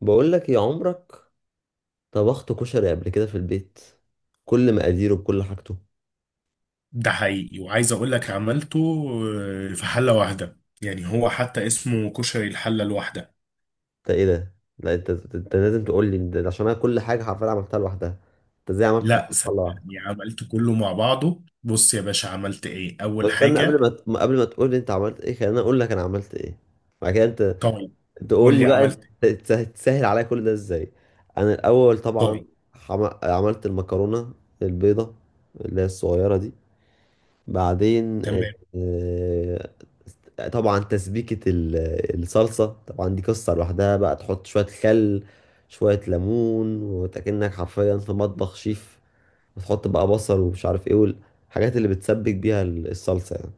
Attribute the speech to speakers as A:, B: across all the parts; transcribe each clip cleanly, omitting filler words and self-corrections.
A: بقول لك يا عمرك، طبخت كشري قبل كده في البيت، كل مقاديره بكل حاجته.
B: ده حقيقي وعايز اقول لك عملته في حلة واحدة، يعني هو حتى اسمه كشري الحلة الواحدة.
A: انت ايه ده؟ لا، انت لازم تقول لي ده عشان انا كل حاجه حرفيا عملتها لوحدها. انت ازاي عملت في
B: لا،
A: الطبخ لوحدك؟
B: صدقني عملته كله مع بعضه. بص يا باشا، عملت ايه اول
A: بس استنى،
B: حاجة.
A: قبل ما تقول لي انت عملت ايه، خليني اقول لك انا عملت ايه، بعد كده انت
B: طيب،
A: تقول
B: قول
A: لي.
B: لي
A: قول بقى،
B: عملت إيه؟
A: انت تسهل عليا كل ده ازاي؟ انا الاول طبعا
B: طيب.
A: عملت المكرونه البيضه اللي هي الصغيره دي. بعدين
B: تمام.
A: طبعا تسبيكة الصلصة، طبعا دي قصة لوحدها بقى. تحط شوية خل، شوية ليمون، وتأكنك حرفيا في مطبخ شيف. وتحط بقى بصل ومش عارف ايه، والحاجات اللي بتسبك بيها الصلصة يعني.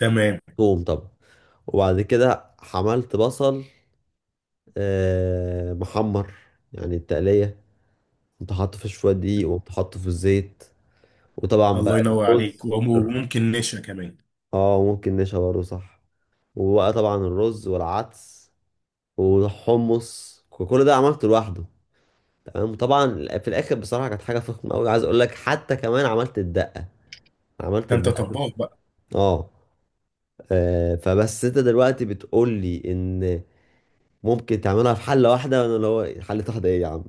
B: تمام.
A: توم طبعا. وبعد كده حملت بصل، محمر، يعني التقلية. كنت حاطه في شوية دقيق وكنت حاطه في الزيت. وطبعا بقى
B: الله ينور عليك،
A: الرز.
B: وممكن نشا كمان.
A: اه ممكن نشا برضه، صح. وبقى طبعا الرز والعدس والحمص وكل ده عملته لوحده. تمام. وطبعا في الاخر بصراحه كانت حاجه فخمه قوي. عايز اقول لك حتى كمان عملت الدقه، عملت
B: ده انت
A: الدقه.
B: طباخ بقى.
A: اه. آه، فبس انت دلوقتي بتقول لي ان ممكن تعملها في حله واحده، وانا اللي هو حله واحده ايه يا عم؟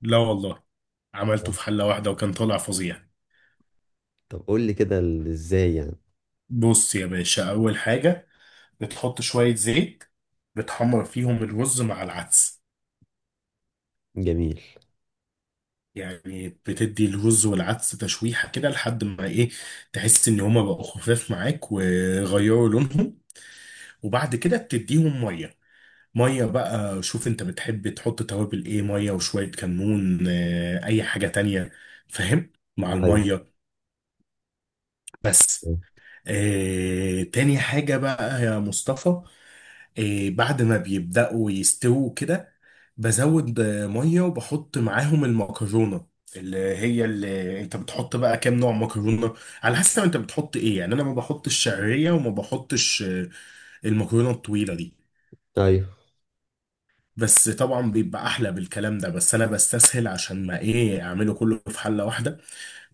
B: لا والله، عملته
A: آه.
B: في حلة واحدة وكان طالع فظيع.
A: طب قول لي كده ازاي يعني؟
B: بص يا باشا، اول حاجة بتحط شوية زيت. بتحمر فيهم الرز مع العدس.
A: جميل.
B: يعني بتدي الرز والعدس تشويحة كده لحد ما ايه، تحس ان هما بقوا خفاف معاك وغيروا لونهم. وبعد كده بتديهم مية. مية بقى، شوف انت بتحب تحط توابل ايه، مية وشوية كمون، اي حاجة تانية، فاهم، مع
A: ايوه.
B: المية بس. تاني حاجة بقى يا مصطفى، بعد ما بيبدأوا يستووا كده، بزود مية وبحط معاهم المكرونة، اللي هي اللي انت بتحط بقى كام نوع مكرونة. على حسب انت بتحط ايه، يعني انا ما بحطش شعرية وما بحطش المكرونة الطويلة دي.
A: ايوه.
B: بس طبعا بيبقى احلى بالكلام ده، بس انا بستسهل عشان ما ايه اعمله كله في حلة واحدة،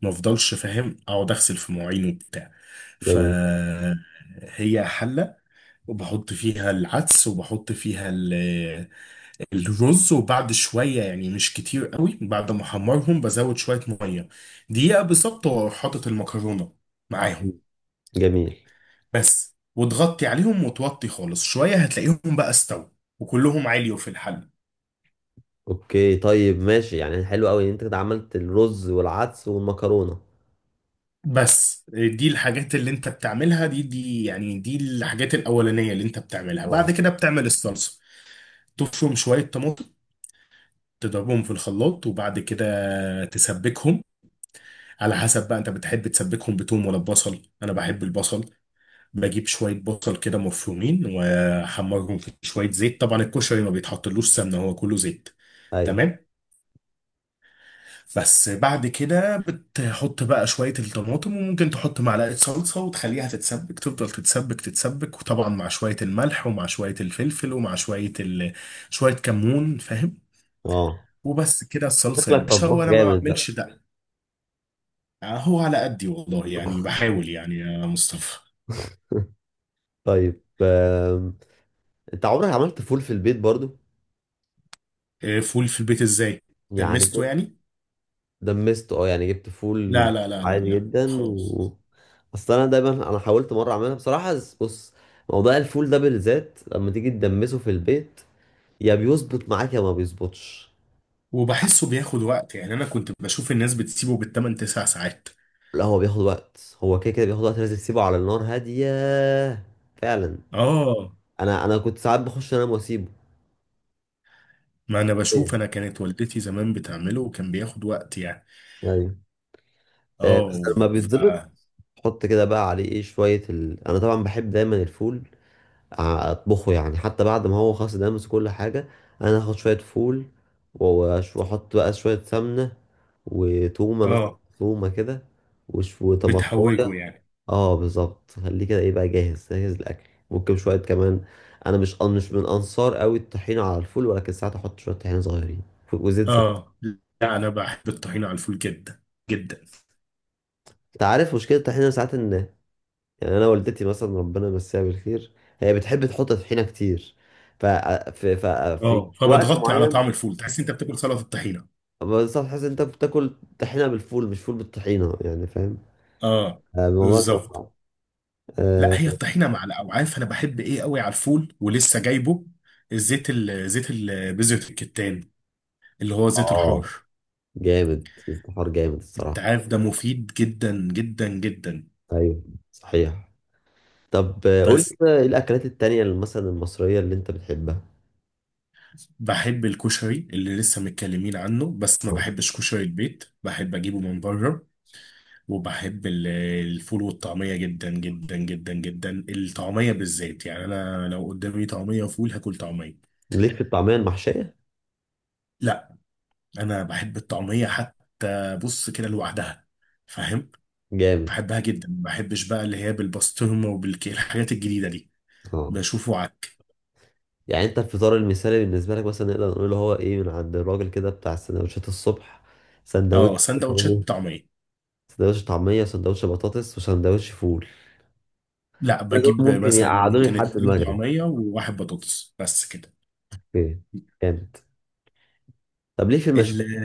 B: ما افضلش فاهم اقعد اغسل في مواعين وبتاع. ف
A: جميل.
B: هي حلة، وبحط فيها العدس وبحط فيها الرز، وبعد شوية يعني مش كتير قوي، بعد ما احمرهم بزود شوية مية، دقيقة بالظبط وأروح حاطط المكرونة معاهم
A: جميل.
B: بس. وتغطي عليهم وتوطي خالص شوية، هتلاقيهم بقى استووا وكلهم عاليوا في الحل.
A: اوكي طيب ماشي، يعني حلو قوي ان انت كده عملت الرز والعدس والمكرونه.
B: بس دي الحاجات اللي انت بتعملها، دي يعني دي الحاجات الأولانية اللي انت بتعملها. بعد
A: اه.
B: كده بتعمل الصلصة. تفرم شوية طماطم، تضربهم في الخلاط، وبعد كده تسبكهم. على حسب بقى انت بتحب تسبكهم بتوم ولا ببصل، انا بحب البصل. بجيب شويه بصل كده مفرومين واحمرهم في شويه زيت، طبعا الكشري ما بيتحطلوش سمنه، هو كله زيت.
A: ايوه.
B: تمام. بس بعد كده بتحط بقى شويه الطماطم، وممكن تحط معلقه صلصه وتخليها تتسبك، تفضل تتسبك تتسبك، وطبعا مع شويه الملح ومع شويه الفلفل ومع شويه شويه كمون، فاهم.
A: اه.
B: وبس كده الصلصه يا
A: شكلك
B: باشا،
A: طباخ
B: وانا ما
A: جامد بقى.
B: بعملش ده. هو على قدي والله، يعني بحاول يعني يا مصطفى.
A: طيب انت عمرك عملت فول في البيت برضو؟
B: فول في البيت ازاي؟
A: يعني
B: دمسته يعني؟
A: دمسته، اه، يعني جبت فول
B: لا، لا، لا، لا،
A: عادي
B: لا،
A: جدا،
B: خالص.
A: و... اصل انا دايما، انا حاولت مره اعملها بصراحه بس- بص، موضوع الفول ده بالذات لما تيجي تدمسه في البيت، يا بيظبط معاك يا ما بيظبطش.
B: وبحسه بياخد وقت، يعني انا كنت بشوف الناس بتسيبه بالثمان تسع ساعات.
A: لا هو بياخد وقت، هو كده كده بياخد وقت، لازم تسيبه على النار هاديه. فعلا.
B: اه،
A: انا كنت ساعات بخش انام واسيبه.
B: ما انا بشوف،
A: ايوه.
B: انا كانت والدتي زمان بتعمله وكان بياخد وقت يعني.
A: ايوه.
B: اه
A: بس لما
B: و- ف
A: بيتظبط، حط كده بقى عليه ايه شوية ال... انا طبعا بحب دايما الفول اطبخه يعني. حتى بعد ما هو خلاص دامس كل حاجة، انا هاخد شوية فول واحط بقى شوية سمنة وتومة مثلا،
B: اه،
A: تومة كده،
B: بتحوجه
A: وطماطماية.
B: يعني.
A: اه بالظبط، خليه كده ايه بقى جاهز جاهز الاكل. ممكن شوية كمان، انا مش من انصار قوي الطحينة على الفول، ولكن ساعات احط شوية طحينة صغيرين وزيت زيتون.
B: اه، لا انا بحب الطحينه على الفول جدا جدا.
A: انت عارف مشكلة الطحينة ساعات ان، يعني انا والدتي مثلا ربنا يمسيها بالخير، هي بتحب تحط طحينه كتير. ف... في ف... في
B: اه،
A: وقت
B: فبتغطي على
A: معين
B: طعم الفول، تحس انت بتاكل سلطه الطحينه.
A: بس تحس إن انت بتاكل طحينه بالفول مش فول بالطحينه يعني، فاهم؟
B: اه،
A: الموضوع بيبقى
B: بالظبط.
A: صعب.
B: لا،
A: اه.
B: هي الطحينه مع الاوعاف انا بحب ايه قوي على الفول، ولسه جايبه الزيت ال- زيت ال- بذره الكتان، اللي هو زيت الحار.
A: آه، جامد استفار جامد
B: انت
A: الصراحه.
B: عارف ده مفيد جدا جدا جدا.
A: ايوه صحيح. طب قول
B: بس
A: لي بقى ايه الاكلات التانية اللي مثلا المصريه اللي انت بتحبها؟
B: بحب الكشري اللي لسه متكلمين عنه، بس ما
A: آه.
B: بحبش كشري البيت، بحب اجيبه من بره. وبحب الفول والطعميه جدا جدا جدا جدا، الطعميه بالذات، يعني انا لو قدامي طعميه وفول هاكل طعميه.
A: ليك في الطعميه المحشيه؟
B: لا، انا بحب الطعميه حتى بص كده لوحدها، فاهم.
A: جامد.
B: بحبها جدا، ما بحبش بقى اللي هي بالبسطرمه وبالكيل، الحاجات الجديده دي.
A: اه
B: بشوفه عك.
A: يعني انت الفطار المثالي بالنسبه لك مثلا نقدر نقول هو ايه؟ من عند الراجل كده بتاع السندوتشات الصبح،
B: اه،
A: سندوتش يعني.
B: سندوتشات طعميه.
A: سندوتش طعميه وسندوتش بطاطس وسندوتش فول؟
B: لا،
A: ده دول
B: بجيب
A: ممكن
B: مثلا
A: يقعدوني
B: ممكن
A: لحد
B: اتنين
A: المغرب.
B: طعميه وواحد بطاطس بس كده.
A: اوكي. جامد. طب ليه في
B: ال-
A: المشويات؟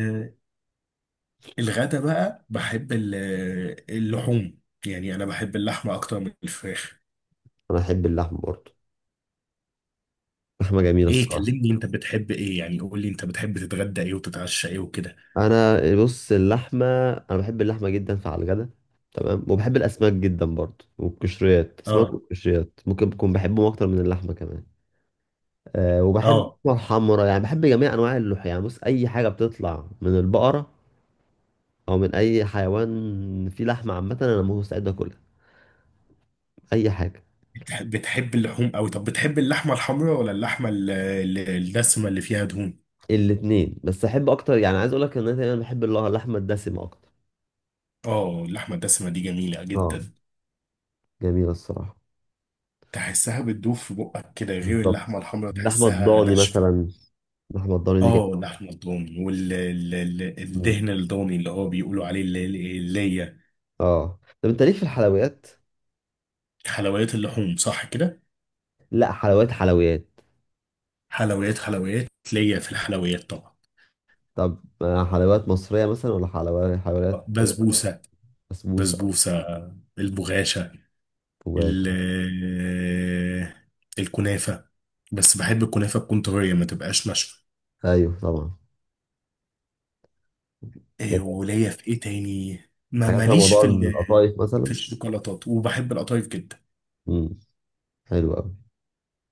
B: الغدا بقى بحب اللحوم، يعني انا بحب اللحمه اكتر من الفراخ.
A: انا احب اللحمه برضه، لحمه جميله
B: ايه،
A: الصراحه.
B: كلمني انت بتحب ايه، يعني قول لي انت بتحب تتغدى ايه وتتعشى ايه وكده.
A: انا بص، اللحمه، انا بحب اللحمه جدا فعلى الغدا، تمام. وبحب الاسماك جدا برضه والقشريات، اسماك
B: اه.
A: والقشريات ممكن بكون بحبهم اكتر من اللحمه كمان. وبحب
B: اه،
A: اللحمة الحمرا، يعني بحب جميع أنواع اللحوم، يعني بص، أي حاجة بتطلع من البقرة أو من أي حيوان فيه لحمة عامة، أنا مستعد أكلها. أي حاجة.
B: بتحب اللحوم قوي. طب بتحب اللحمه الحمراء ولا اللحمه الدسمه اللي فيها دهون؟
A: الاتنين، بس أحب أكتر، يعني عايز أقول لك إن أنا دايما بحب اللحمة الدسمة أكتر.
B: اه، اللحمة الدسمة دي جميلة
A: أه
B: جدا.
A: جميلة الصراحة.
B: تحسها بتدوب في بقك كده، غير
A: بالظبط.
B: اللحمة الحمرا
A: اللحمة
B: تحسها
A: الضاني
B: ناشفة.
A: مثلا، اللحمة الضاني دي
B: اه،
A: جميلة.
B: اللحمة الضاني
A: مم.
B: والدهن الضاني، اللي هو بيقولوا عليه اللي هي.
A: أه، طب أنت ليك في الحلويات؟
B: حلويات اللحوم صح كده؟
A: لا حلويات حلويات.
B: حلويات، حلويات. ليا في الحلويات طبعا.
A: طب حلويات مصرية مثلا ولا حلويات حلويات؟
B: بسبوسة.
A: بسبوسة أو
B: بسبوسة. البغاشة. ال-
A: كوباية.
B: آه، الكنافة. بس بحب الكنافة تكون طرية، ما تبقاش ناشفة.
A: أيوه طبعا.
B: إيه، وليا في ايه تاني؟ ما
A: حاجات فيها
B: ماليش
A: موضوع
B: في
A: القطايف
B: في
A: مثلا.
B: الشوكولاتات، وبحب القطايف جدا.
A: امم. حلو قوي.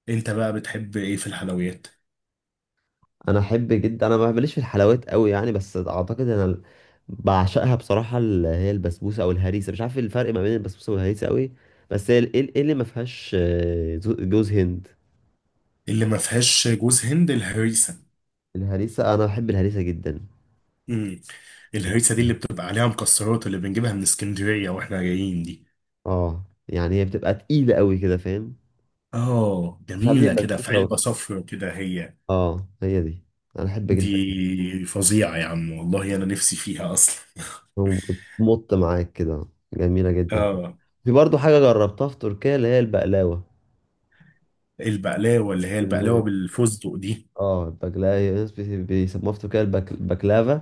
B: انت بقى بتحب ايه في الحلويات؟
A: انا احب جدا، انا ما بمليش في الحلويات قوي يعني، بس اعتقد انا بعشقها بصراحه اللي هي البسبوسه او الهريسه. مش عارف إيه الفرق ما بين البسبوسه والهريسه قوي. بس هي ايه، إيه اللي ما فيهاش جوز هند؟
B: اللي ما فيهاش جوز هند الهريسه.
A: الهريسه. انا بحب الهريسه جدا.
B: امم.
A: أموت
B: الهريسه دي
A: فيها.
B: اللي بتبقى عليها مكسرات، اللي بنجيبها من اسكندريه واحنا جايين دي.
A: اه يعني هي بتبقى تقيله قوي كده، فاهم؟
B: اه،
A: مش عارف ايه
B: جميله كده في علبه
A: البسبوسه.
B: صفرا كده، هي
A: اه هي دي، انا احب جدا.
B: دي. فظيعه يا عم والله، انا نفسي فيها اصلا
A: وبتمط معاك كده. جميلة جدا.
B: اه،
A: في برضو حاجة جربتها في تركيا اللي هي البقلاوة.
B: البقلاوه، اللي هي
A: اللي
B: البقلاوه
A: هي،
B: بالفستق دي.
A: اه البقلاوة هي، ناس بيسموها في تركيا البكلافا،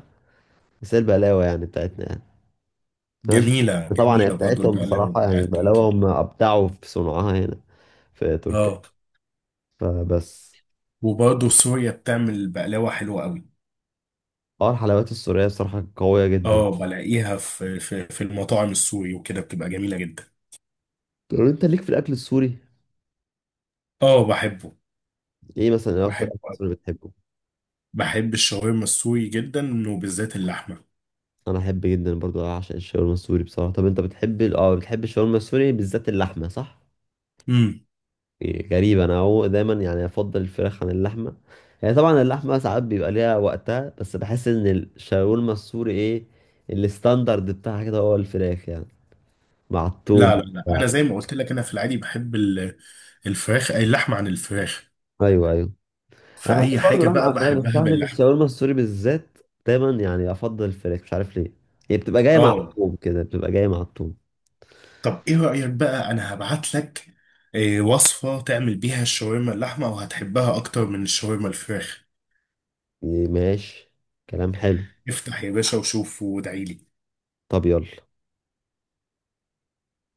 A: بس هي البقلاوة يعني بتاعتنا يعني. أنا مش...
B: جميله،
A: طبعا هي
B: جميله برضو
A: بتاعتهم
B: البقلاوه
A: بصراحة، يعني
B: بتاعت تركي.
A: البقلاوة هم أبدعوا في صنعها هنا في تركيا،
B: اه،
A: فبس.
B: وبرضه سوريا بتعمل بقلاوة حلوة قوي.
A: اه الحلويات السورية بصراحة قوية جدا.
B: اه، بلاقيها في المطاعم السوري وكده بتبقى جميلة جدا.
A: طب انت ليك في الأكل السوري؟
B: اه، بحبه.
A: ايه مثلا، ايه أكتر
B: بحبه
A: أكل
B: أوي.
A: سوري بتحبه؟
B: بحب الشاورما السوري جدا، وبالذات اللحمة.
A: أنا أحب جدا برضو، أعشق الشاورما السوري بصراحة. طب أنت بتحب اه بتحب الشاورما السوري بالذات اللحمة صح؟
B: امم.
A: غريبة، أنا هو دايما يعني أفضل الفراخ عن اللحمة. يعني طبعا اللحمة ساعات بيبقى ليها وقتها، بس بحس إن الشاورما السوري إيه، الستاندرد بتاعها كده هو الفراخ يعني، مع التوم
B: لا، لا، لا،
A: وبتاع.
B: انا زي ما قلت لك، انا في العادي بحب الفراخ، أي اللحمة عن الفراخ.
A: أيوه أيوه. أنا بحب
B: فأي
A: برضه
B: حاجة
A: لحمة على
B: بقى
A: الفراخ، بس مش
B: بحبها
A: عارف ليه في
B: باللحمة.
A: الشاورما السوري بالذات دايما يعني أفضل الفراخ، مش عارف ليه. هي بتبقى جاية مع
B: اه،
A: التوم كده، بتبقى جاية مع التوم.
B: طب ايه رأيك بقى، انا هبعت لك وصفة تعمل بيها الشاورما اللحمة، وهتحبها اكتر من الشاورما الفراخ.
A: ماشي. كلام حلو.
B: افتح يا باشا وشوف، وادعيلي.
A: طب يلا.